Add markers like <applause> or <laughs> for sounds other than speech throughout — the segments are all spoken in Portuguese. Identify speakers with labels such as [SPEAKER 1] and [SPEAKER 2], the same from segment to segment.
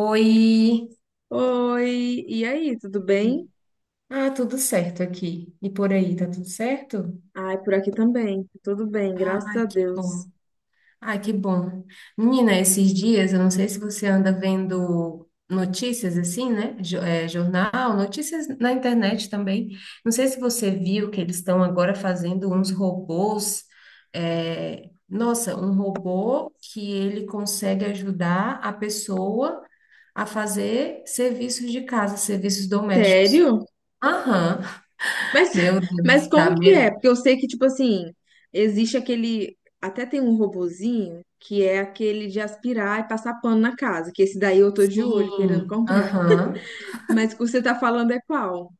[SPEAKER 1] Oi!
[SPEAKER 2] Oi, e aí, tudo bem?
[SPEAKER 1] Ah, tudo certo aqui. E por aí, tá tudo certo?
[SPEAKER 2] Ai, por aqui também, tudo bem, graças
[SPEAKER 1] Ah,
[SPEAKER 2] a
[SPEAKER 1] que bom.
[SPEAKER 2] Deus.
[SPEAKER 1] Ah, que bom. Menina, esses dias, eu não sei se você anda vendo notícias assim, né? Jornal, notícias na internet também. Não sei se você viu que eles estão agora fazendo uns robôs. Nossa, um robô que ele consegue ajudar a pessoa a fazer serviços de casa, serviços domésticos.
[SPEAKER 2] Sério?
[SPEAKER 1] Aham,
[SPEAKER 2] Mas,
[SPEAKER 1] meu
[SPEAKER 2] <laughs>
[SPEAKER 1] Deus,
[SPEAKER 2] mas como
[SPEAKER 1] dá
[SPEAKER 2] que é?
[SPEAKER 1] medo.
[SPEAKER 2] Porque eu sei que, tipo assim, existe aquele, até tem um robozinho que é aquele de aspirar e passar pano na casa, que esse daí eu tô de olho querendo
[SPEAKER 1] Sim,
[SPEAKER 2] comprar.
[SPEAKER 1] aham.
[SPEAKER 2] <laughs> Mas o que você tá falando é qual?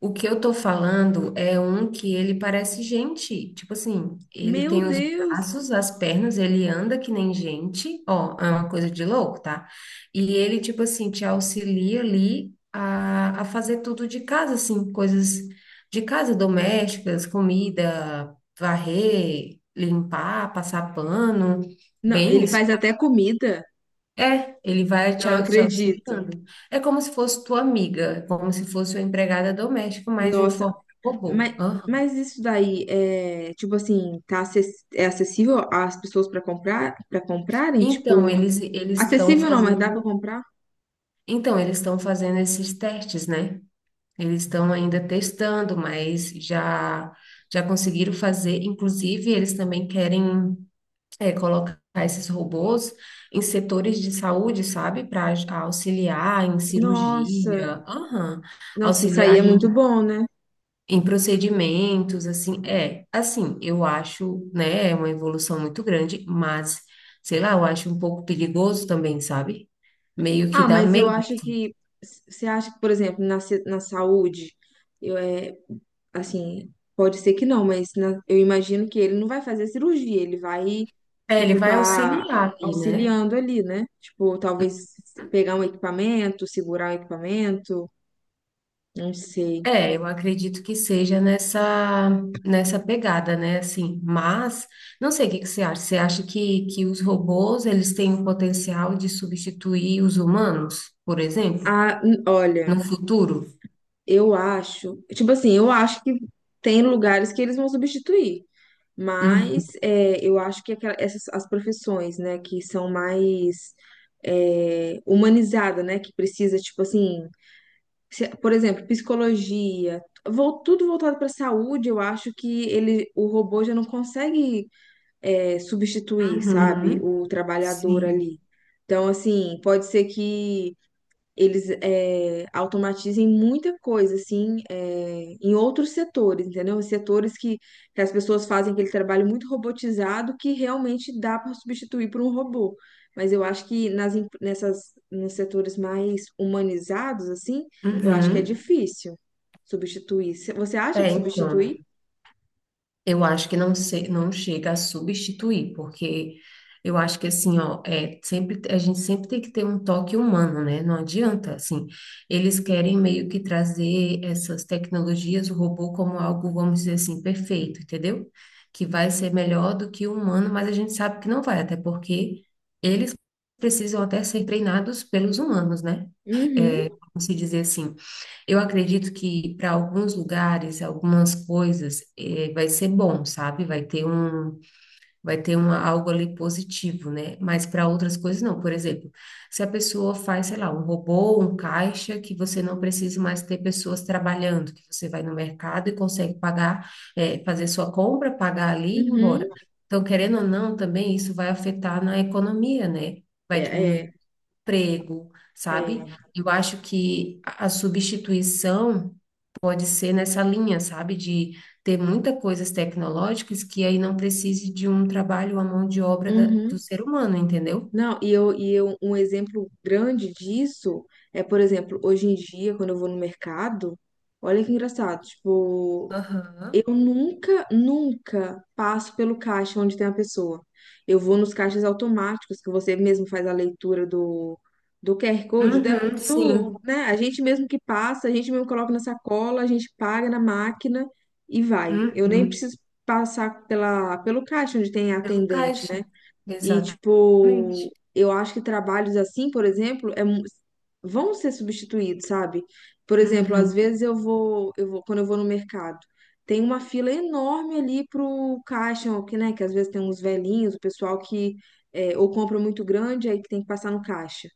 [SPEAKER 1] O que eu tô falando é um que ele parece gente. Tipo assim, ele
[SPEAKER 2] Meu
[SPEAKER 1] tem os
[SPEAKER 2] Deus!
[SPEAKER 1] braços, as pernas, ele anda que nem gente. Ó, é uma coisa de louco, tá? E ele, tipo assim, te auxilia ali a fazer tudo de casa, assim, coisas de casa, domésticas, comida, varrer, limpar, passar pano.
[SPEAKER 2] Não,
[SPEAKER 1] Bem
[SPEAKER 2] ele
[SPEAKER 1] isso.
[SPEAKER 2] faz até comida?
[SPEAKER 1] É, ele vai te,
[SPEAKER 2] Não
[SPEAKER 1] au- te
[SPEAKER 2] acredito.
[SPEAKER 1] auxiliando. É como se fosse tua amiga, é como se fosse uma empregada doméstica, mas em
[SPEAKER 2] Nossa,
[SPEAKER 1] forma de robô.
[SPEAKER 2] Mas,
[SPEAKER 1] Aham.
[SPEAKER 2] mas isso daí é, tipo assim, tá é acessível às pessoas para comprar, para comprarem,
[SPEAKER 1] Então,
[SPEAKER 2] tipo,
[SPEAKER 1] eles eles estão
[SPEAKER 2] acessível não, mas dá para
[SPEAKER 1] fazendo,
[SPEAKER 2] comprar?
[SPEAKER 1] então, eles estão fazendo esses testes, né? Eles estão ainda testando, mas já conseguiram fazer. Inclusive, eles também querem colocar esses robôs em setores de saúde, sabe? Para auxiliar em
[SPEAKER 2] Nossa,
[SPEAKER 1] cirurgia, aham,
[SPEAKER 2] nossa, isso aí
[SPEAKER 1] Auxiliar
[SPEAKER 2] é
[SPEAKER 1] em
[SPEAKER 2] muito bom, né?
[SPEAKER 1] Em procedimentos, assim, assim, eu acho, né, é uma evolução muito grande, mas, sei lá, eu acho um pouco perigoso também, sabe? Meio que
[SPEAKER 2] Ah,
[SPEAKER 1] dá
[SPEAKER 2] mas eu
[SPEAKER 1] medo.
[SPEAKER 2] acho que você acha que, por exemplo, na, na saúde, eu assim, pode ser que não, mas eu imagino que ele não vai fazer cirurgia, ele vai
[SPEAKER 1] É, ele
[SPEAKER 2] tipo
[SPEAKER 1] vai
[SPEAKER 2] tá
[SPEAKER 1] auxiliar ali, né?
[SPEAKER 2] auxiliando ali, né? Tipo, talvez pegar um equipamento, segurar um equipamento, não sei.
[SPEAKER 1] É, eu acredito que seja nessa pegada, né, assim, mas, não sei, o que que você acha? Você acha que os robôs, eles têm o potencial de substituir os humanos, por exemplo,
[SPEAKER 2] Ah, olha,
[SPEAKER 1] no futuro?
[SPEAKER 2] eu acho, tipo assim, eu acho que tem lugares que eles vão substituir, mas
[SPEAKER 1] Uhum.
[SPEAKER 2] é, eu acho que essas as profissões, né, que são mais humanizadas, né, que precisa, tipo assim, por exemplo, psicologia, tudo voltado para saúde, eu acho que ele, o robô já não consegue substituir, sabe,
[SPEAKER 1] Uhum.
[SPEAKER 2] o trabalhador
[SPEAKER 1] Sim.
[SPEAKER 2] ali. Então, assim, pode ser que eles, automatizem muita coisa, assim, é, em outros setores, entendeu? Em setores que as pessoas fazem aquele trabalho muito robotizado que realmente dá para substituir por um robô. Mas eu acho que nas, nessas, nos setores mais humanizados, assim, eu acho que é
[SPEAKER 1] Uhum.
[SPEAKER 2] difícil substituir. Você acha
[SPEAKER 1] É,
[SPEAKER 2] que
[SPEAKER 1] então,
[SPEAKER 2] substituir?
[SPEAKER 1] eu acho que não sei, não chega a substituir, porque eu acho que assim, ó, sempre, a gente sempre tem que ter um toque humano, né? Não adianta, assim, eles querem meio que trazer essas tecnologias, o robô como algo, vamos dizer assim, perfeito, entendeu? Que vai ser melhor do que o humano, mas a gente sabe que não vai, até porque eles precisam até ser treinados pelos humanos, né?
[SPEAKER 2] Uhum,
[SPEAKER 1] Vamos se dizer assim. Eu acredito que para alguns lugares, algumas coisas, vai ser bom, sabe? Vai ter um, algo ali positivo, né? Mas para outras coisas não. Por exemplo, se a pessoa faz, sei lá, um robô, um caixa, que você não precisa mais ter pessoas trabalhando, que você vai no mercado e consegue pagar, fazer sua compra, pagar ali e ir
[SPEAKER 2] uhum,
[SPEAKER 1] embora. Então, querendo ou não, também isso vai afetar na economia, né? Vai
[SPEAKER 2] é,
[SPEAKER 1] diminuir o
[SPEAKER 2] é,
[SPEAKER 1] emprego,
[SPEAKER 2] é,
[SPEAKER 1] sabe? Eu acho que a substituição pode ser nessa linha, sabe? De ter muitas coisas tecnológicas que aí não precise de um trabalho, à mão de obra do
[SPEAKER 2] uhum.
[SPEAKER 1] ser humano, entendeu?
[SPEAKER 2] Não, e eu, um exemplo grande disso é, por exemplo, hoje em dia, quando eu vou no mercado, olha que engraçado, tipo, eu
[SPEAKER 1] Aham.
[SPEAKER 2] nunca, nunca passo pelo caixa onde tem a pessoa. Eu vou nos caixas automáticos, que você mesmo faz a leitura do QR Code, da,
[SPEAKER 1] Uhum,
[SPEAKER 2] do,
[SPEAKER 1] sim.
[SPEAKER 2] né? A gente mesmo que passa, a gente mesmo coloca na sacola, a gente paga na máquina e vai. Eu nem
[SPEAKER 1] Uhum.
[SPEAKER 2] preciso passar pela, pelo caixa onde tem a
[SPEAKER 1] Pelo
[SPEAKER 2] atendente,
[SPEAKER 1] caixa.
[SPEAKER 2] né? E,
[SPEAKER 1] Exatamente.
[SPEAKER 2] tipo, eu acho que trabalhos assim, por exemplo, vão ser substituídos, sabe? Por exemplo, às
[SPEAKER 1] Uhum,
[SPEAKER 2] vezes eu vou, quando eu vou no mercado, tem uma fila enorme ali pro caixa, que, né, que às vezes tem uns velhinhos, o pessoal que ou compra muito grande, aí que tem que passar no caixa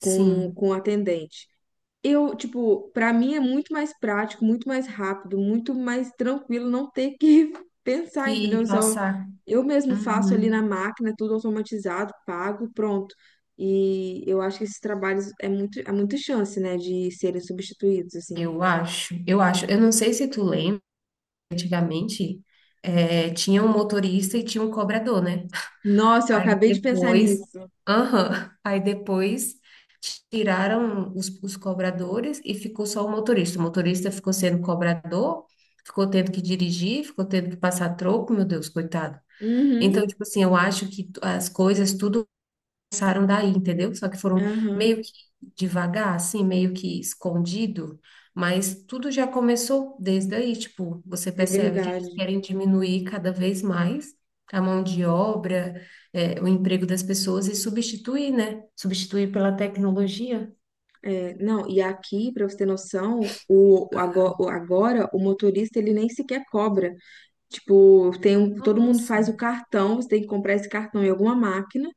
[SPEAKER 2] com o atendente. Eu, tipo, pra mim é muito mais prático, muito mais rápido, muito mais tranquilo não ter que <laughs> pensar,
[SPEAKER 1] Que
[SPEAKER 2] entendeu? Só
[SPEAKER 1] passar.
[SPEAKER 2] eu mesmo faço ali na
[SPEAKER 1] Uhum.
[SPEAKER 2] máquina, tudo automatizado, pago, pronto. E eu acho que esses trabalhos é muito, há muita chance, né, de serem substituídos, assim.
[SPEAKER 1] Eu acho, eu acho. Eu não sei se tu lembra, antigamente, tinha um motorista e tinha um cobrador, né?
[SPEAKER 2] Nossa, eu
[SPEAKER 1] Aí
[SPEAKER 2] acabei de pensar
[SPEAKER 1] depois,
[SPEAKER 2] nisso.
[SPEAKER 1] aham, aí depois tiraram os cobradores e ficou só o motorista. O motorista ficou sendo cobrador, ficou tendo que dirigir, ficou tendo que passar troco, meu Deus, coitado.
[SPEAKER 2] Uhum,
[SPEAKER 1] Então, tipo assim, eu acho que as coisas tudo começaram daí, entendeu? Só que foram
[SPEAKER 2] aham,
[SPEAKER 1] meio que devagar, assim, meio que escondido, mas tudo já começou desde aí, tipo, você
[SPEAKER 2] é
[SPEAKER 1] percebe que eles
[SPEAKER 2] verdade.
[SPEAKER 1] querem diminuir cada vez mais a mão de obra, o emprego das pessoas e substituir, né? Substituir pela tecnologia.
[SPEAKER 2] É, não, e aqui, pra você ter noção, agora o motorista ele nem sequer cobra. Tipo, tem um, todo mundo
[SPEAKER 1] Nossa.
[SPEAKER 2] faz o cartão, você tem que comprar esse cartão em alguma máquina.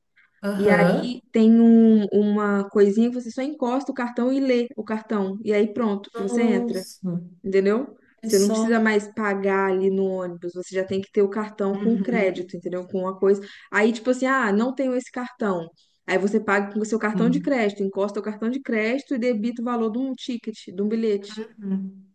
[SPEAKER 2] E aí
[SPEAKER 1] Aham.
[SPEAKER 2] tem uma coisinha que você só encosta o cartão e lê o cartão. E aí pronto, você entra,
[SPEAKER 1] Nossa.
[SPEAKER 2] entendeu?
[SPEAKER 1] É
[SPEAKER 2] Você não
[SPEAKER 1] só.
[SPEAKER 2] precisa mais pagar ali no ônibus, você já tem que ter o cartão com
[SPEAKER 1] Uhum.
[SPEAKER 2] crédito, entendeu? Com uma coisa. Aí, tipo assim, ah, não tenho esse cartão. Aí você paga com o seu cartão de crédito, encosta o cartão de crédito e debita o valor de um ticket, de um bilhete.
[SPEAKER 1] Uhum.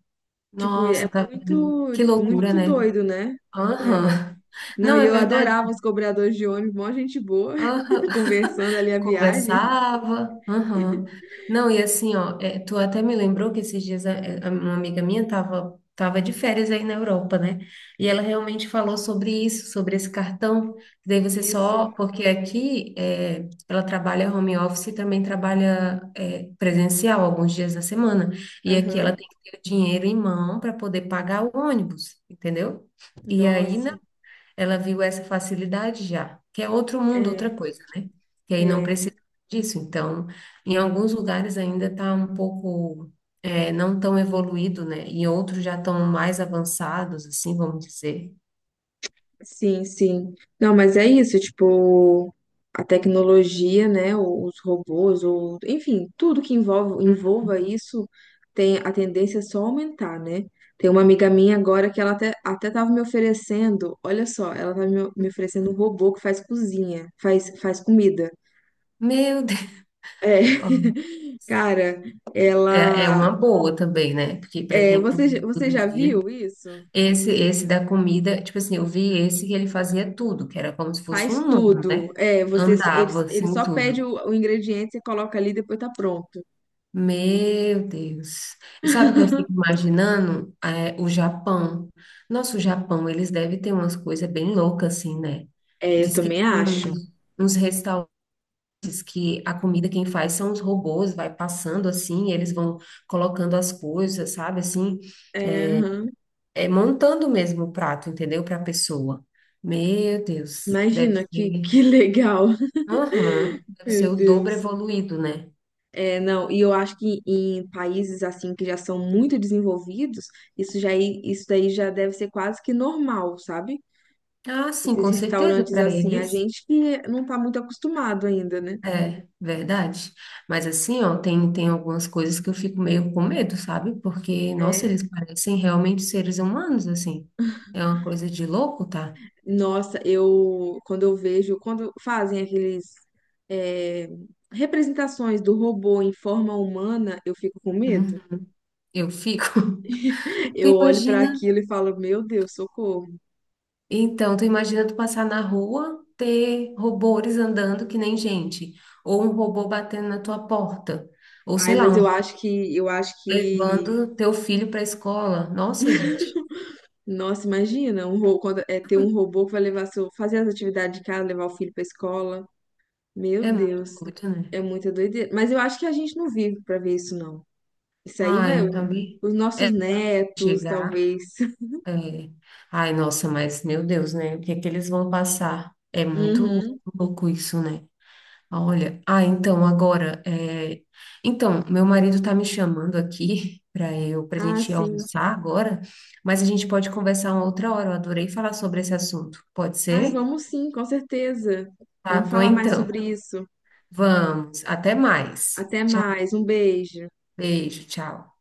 [SPEAKER 2] Tipo, é
[SPEAKER 1] Nossa,
[SPEAKER 2] muito,
[SPEAKER 1] que loucura,
[SPEAKER 2] muito
[SPEAKER 1] né?
[SPEAKER 2] doido, né? É.
[SPEAKER 1] Aham.
[SPEAKER 2] Não,
[SPEAKER 1] Não,
[SPEAKER 2] e
[SPEAKER 1] é
[SPEAKER 2] eu
[SPEAKER 1] verdade.
[SPEAKER 2] adorava os cobradores de ônibus, mó gente boa,
[SPEAKER 1] Aham.
[SPEAKER 2] <laughs>
[SPEAKER 1] <laughs>
[SPEAKER 2] conversando ali a viagem.
[SPEAKER 1] Conversava. Aham. Não, e assim, ó, tu até me lembrou que esses dias uma amiga minha tava de férias aí na Europa, né? E ela realmente falou sobre isso, sobre esse cartão. Daí você
[SPEAKER 2] Isso.
[SPEAKER 1] só, porque aqui ela trabalha home office e também trabalha presencial alguns dias da semana. E aqui
[SPEAKER 2] Aham.
[SPEAKER 1] ela tem que ter o dinheiro em mão para poder pagar o ônibus, entendeu? E aí, não.
[SPEAKER 2] Nossa.
[SPEAKER 1] Ela viu essa facilidade já, que é outro mundo, outra
[SPEAKER 2] É,
[SPEAKER 1] coisa, né? Que aí não
[SPEAKER 2] é.
[SPEAKER 1] precisa disso. Então, em alguns lugares ainda está um pouco não tão evoluído, né? E outros já estão mais avançados, assim, vamos dizer.
[SPEAKER 2] Sim, sim. Não, mas é isso, tipo, a tecnologia, né, os robôs, o, enfim, tudo que envolva isso tem a tendência é só aumentar, né? Tem uma amiga minha agora que ela até tava me oferecendo, olha só, ela tava me oferecendo um robô que faz cozinha, faz, faz comida.
[SPEAKER 1] Meu Deus!
[SPEAKER 2] É,
[SPEAKER 1] Ó,
[SPEAKER 2] <laughs> cara,
[SPEAKER 1] É
[SPEAKER 2] ela.
[SPEAKER 1] uma boa também, né? Porque para
[SPEAKER 2] É,
[SPEAKER 1] quem
[SPEAKER 2] você,
[SPEAKER 1] cozinha
[SPEAKER 2] você
[SPEAKER 1] todo
[SPEAKER 2] já
[SPEAKER 1] dia,
[SPEAKER 2] viu isso?
[SPEAKER 1] esse da comida, tipo assim, eu vi esse que ele fazia tudo, que era como se fosse um
[SPEAKER 2] Faz
[SPEAKER 1] humano,
[SPEAKER 2] tudo.
[SPEAKER 1] né?
[SPEAKER 2] É, você, ele,
[SPEAKER 1] Andava
[SPEAKER 2] ele
[SPEAKER 1] assim
[SPEAKER 2] só pede
[SPEAKER 1] tudo.
[SPEAKER 2] o ingrediente, você coloca ali e depois tá pronto.
[SPEAKER 1] Meu Deus. E sabe o que eu fico imaginando? É, o Japão. Nossa, o Japão, eles devem ter umas coisas bem loucas, assim, né?
[SPEAKER 2] É, eu
[SPEAKER 1] Diz que
[SPEAKER 2] também
[SPEAKER 1] tem
[SPEAKER 2] acho.
[SPEAKER 1] uns restaurantes que a comida quem faz são os robôs, vai passando assim, eles vão colocando as coisas, sabe? Assim,
[SPEAKER 2] É, aham.
[SPEAKER 1] montando mesmo o prato, entendeu? Para a pessoa. Meu Deus, deve
[SPEAKER 2] Imagina
[SPEAKER 1] ser.
[SPEAKER 2] que legal. <laughs>
[SPEAKER 1] Aham, deve ser
[SPEAKER 2] Meu
[SPEAKER 1] o dobro
[SPEAKER 2] Deus.
[SPEAKER 1] evoluído, né?
[SPEAKER 2] É, não, e eu acho que em países assim que já são muito desenvolvidos, isso já, isso daí já deve ser quase que normal, sabe?
[SPEAKER 1] Ah, sim,
[SPEAKER 2] Esses
[SPEAKER 1] com certeza,
[SPEAKER 2] restaurantes
[SPEAKER 1] para
[SPEAKER 2] assim, a
[SPEAKER 1] eles.
[SPEAKER 2] gente que não tá muito acostumado ainda, né?
[SPEAKER 1] É, verdade. Mas assim, ó, tem algumas coisas que eu fico meio com medo, sabe? Porque, nossa,
[SPEAKER 2] É.
[SPEAKER 1] eles parecem realmente seres humanos, assim. É uma coisa de louco, tá?
[SPEAKER 2] Nossa, eu quando eu vejo, quando fazem aqueles é, representações do robô em forma humana, eu fico com
[SPEAKER 1] Uhum.
[SPEAKER 2] medo.
[SPEAKER 1] Eu fico. <laughs> Tu
[SPEAKER 2] Eu olho para
[SPEAKER 1] imagina?
[SPEAKER 2] aquilo e falo, meu Deus, socorro.
[SPEAKER 1] Então, tu imagina tu passar na rua, ter robôs andando que nem gente, ou um robô batendo na tua porta, ou
[SPEAKER 2] Ai,
[SPEAKER 1] sei lá,
[SPEAKER 2] mas
[SPEAKER 1] um
[SPEAKER 2] eu acho que
[SPEAKER 1] levando teu filho pra escola. Nossa, gente,
[SPEAKER 2] nossa, imagina, quando é ter um robô que vai levar seu, fazer as atividades de casa, levar o filho para escola. Meu
[SPEAKER 1] é muito
[SPEAKER 2] Deus,
[SPEAKER 1] doido,
[SPEAKER 2] é
[SPEAKER 1] né?
[SPEAKER 2] muita doideira. Mas eu acho que a gente não vive para ver isso, não. Isso aí
[SPEAKER 1] Ah,
[SPEAKER 2] vai
[SPEAKER 1] eu também.
[SPEAKER 2] os nossos
[SPEAKER 1] É
[SPEAKER 2] netos,
[SPEAKER 1] chegar.
[SPEAKER 2] talvez. <laughs>
[SPEAKER 1] É. Ai, nossa, mas meu Deus, né? O que é que eles vão passar? É muito
[SPEAKER 2] Uhum.
[SPEAKER 1] louco isso, né? Olha, ah, então meu marido tá me chamando aqui <laughs> para
[SPEAKER 2] Ah,
[SPEAKER 1] gente
[SPEAKER 2] sim.
[SPEAKER 1] almoçar agora, mas a gente pode conversar uma outra hora. Eu adorei falar sobre esse assunto. Pode
[SPEAKER 2] Ai,
[SPEAKER 1] ser?
[SPEAKER 2] vamos sim, com certeza.
[SPEAKER 1] Tá
[SPEAKER 2] Vamos
[SPEAKER 1] bom,
[SPEAKER 2] falar mais
[SPEAKER 1] então.
[SPEAKER 2] sobre isso.
[SPEAKER 1] Vamos. Até mais.
[SPEAKER 2] Até
[SPEAKER 1] Tchau.
[SPEAKER 2] mais, um beijo.
[SPEAKER 1] Beijo. Tchau.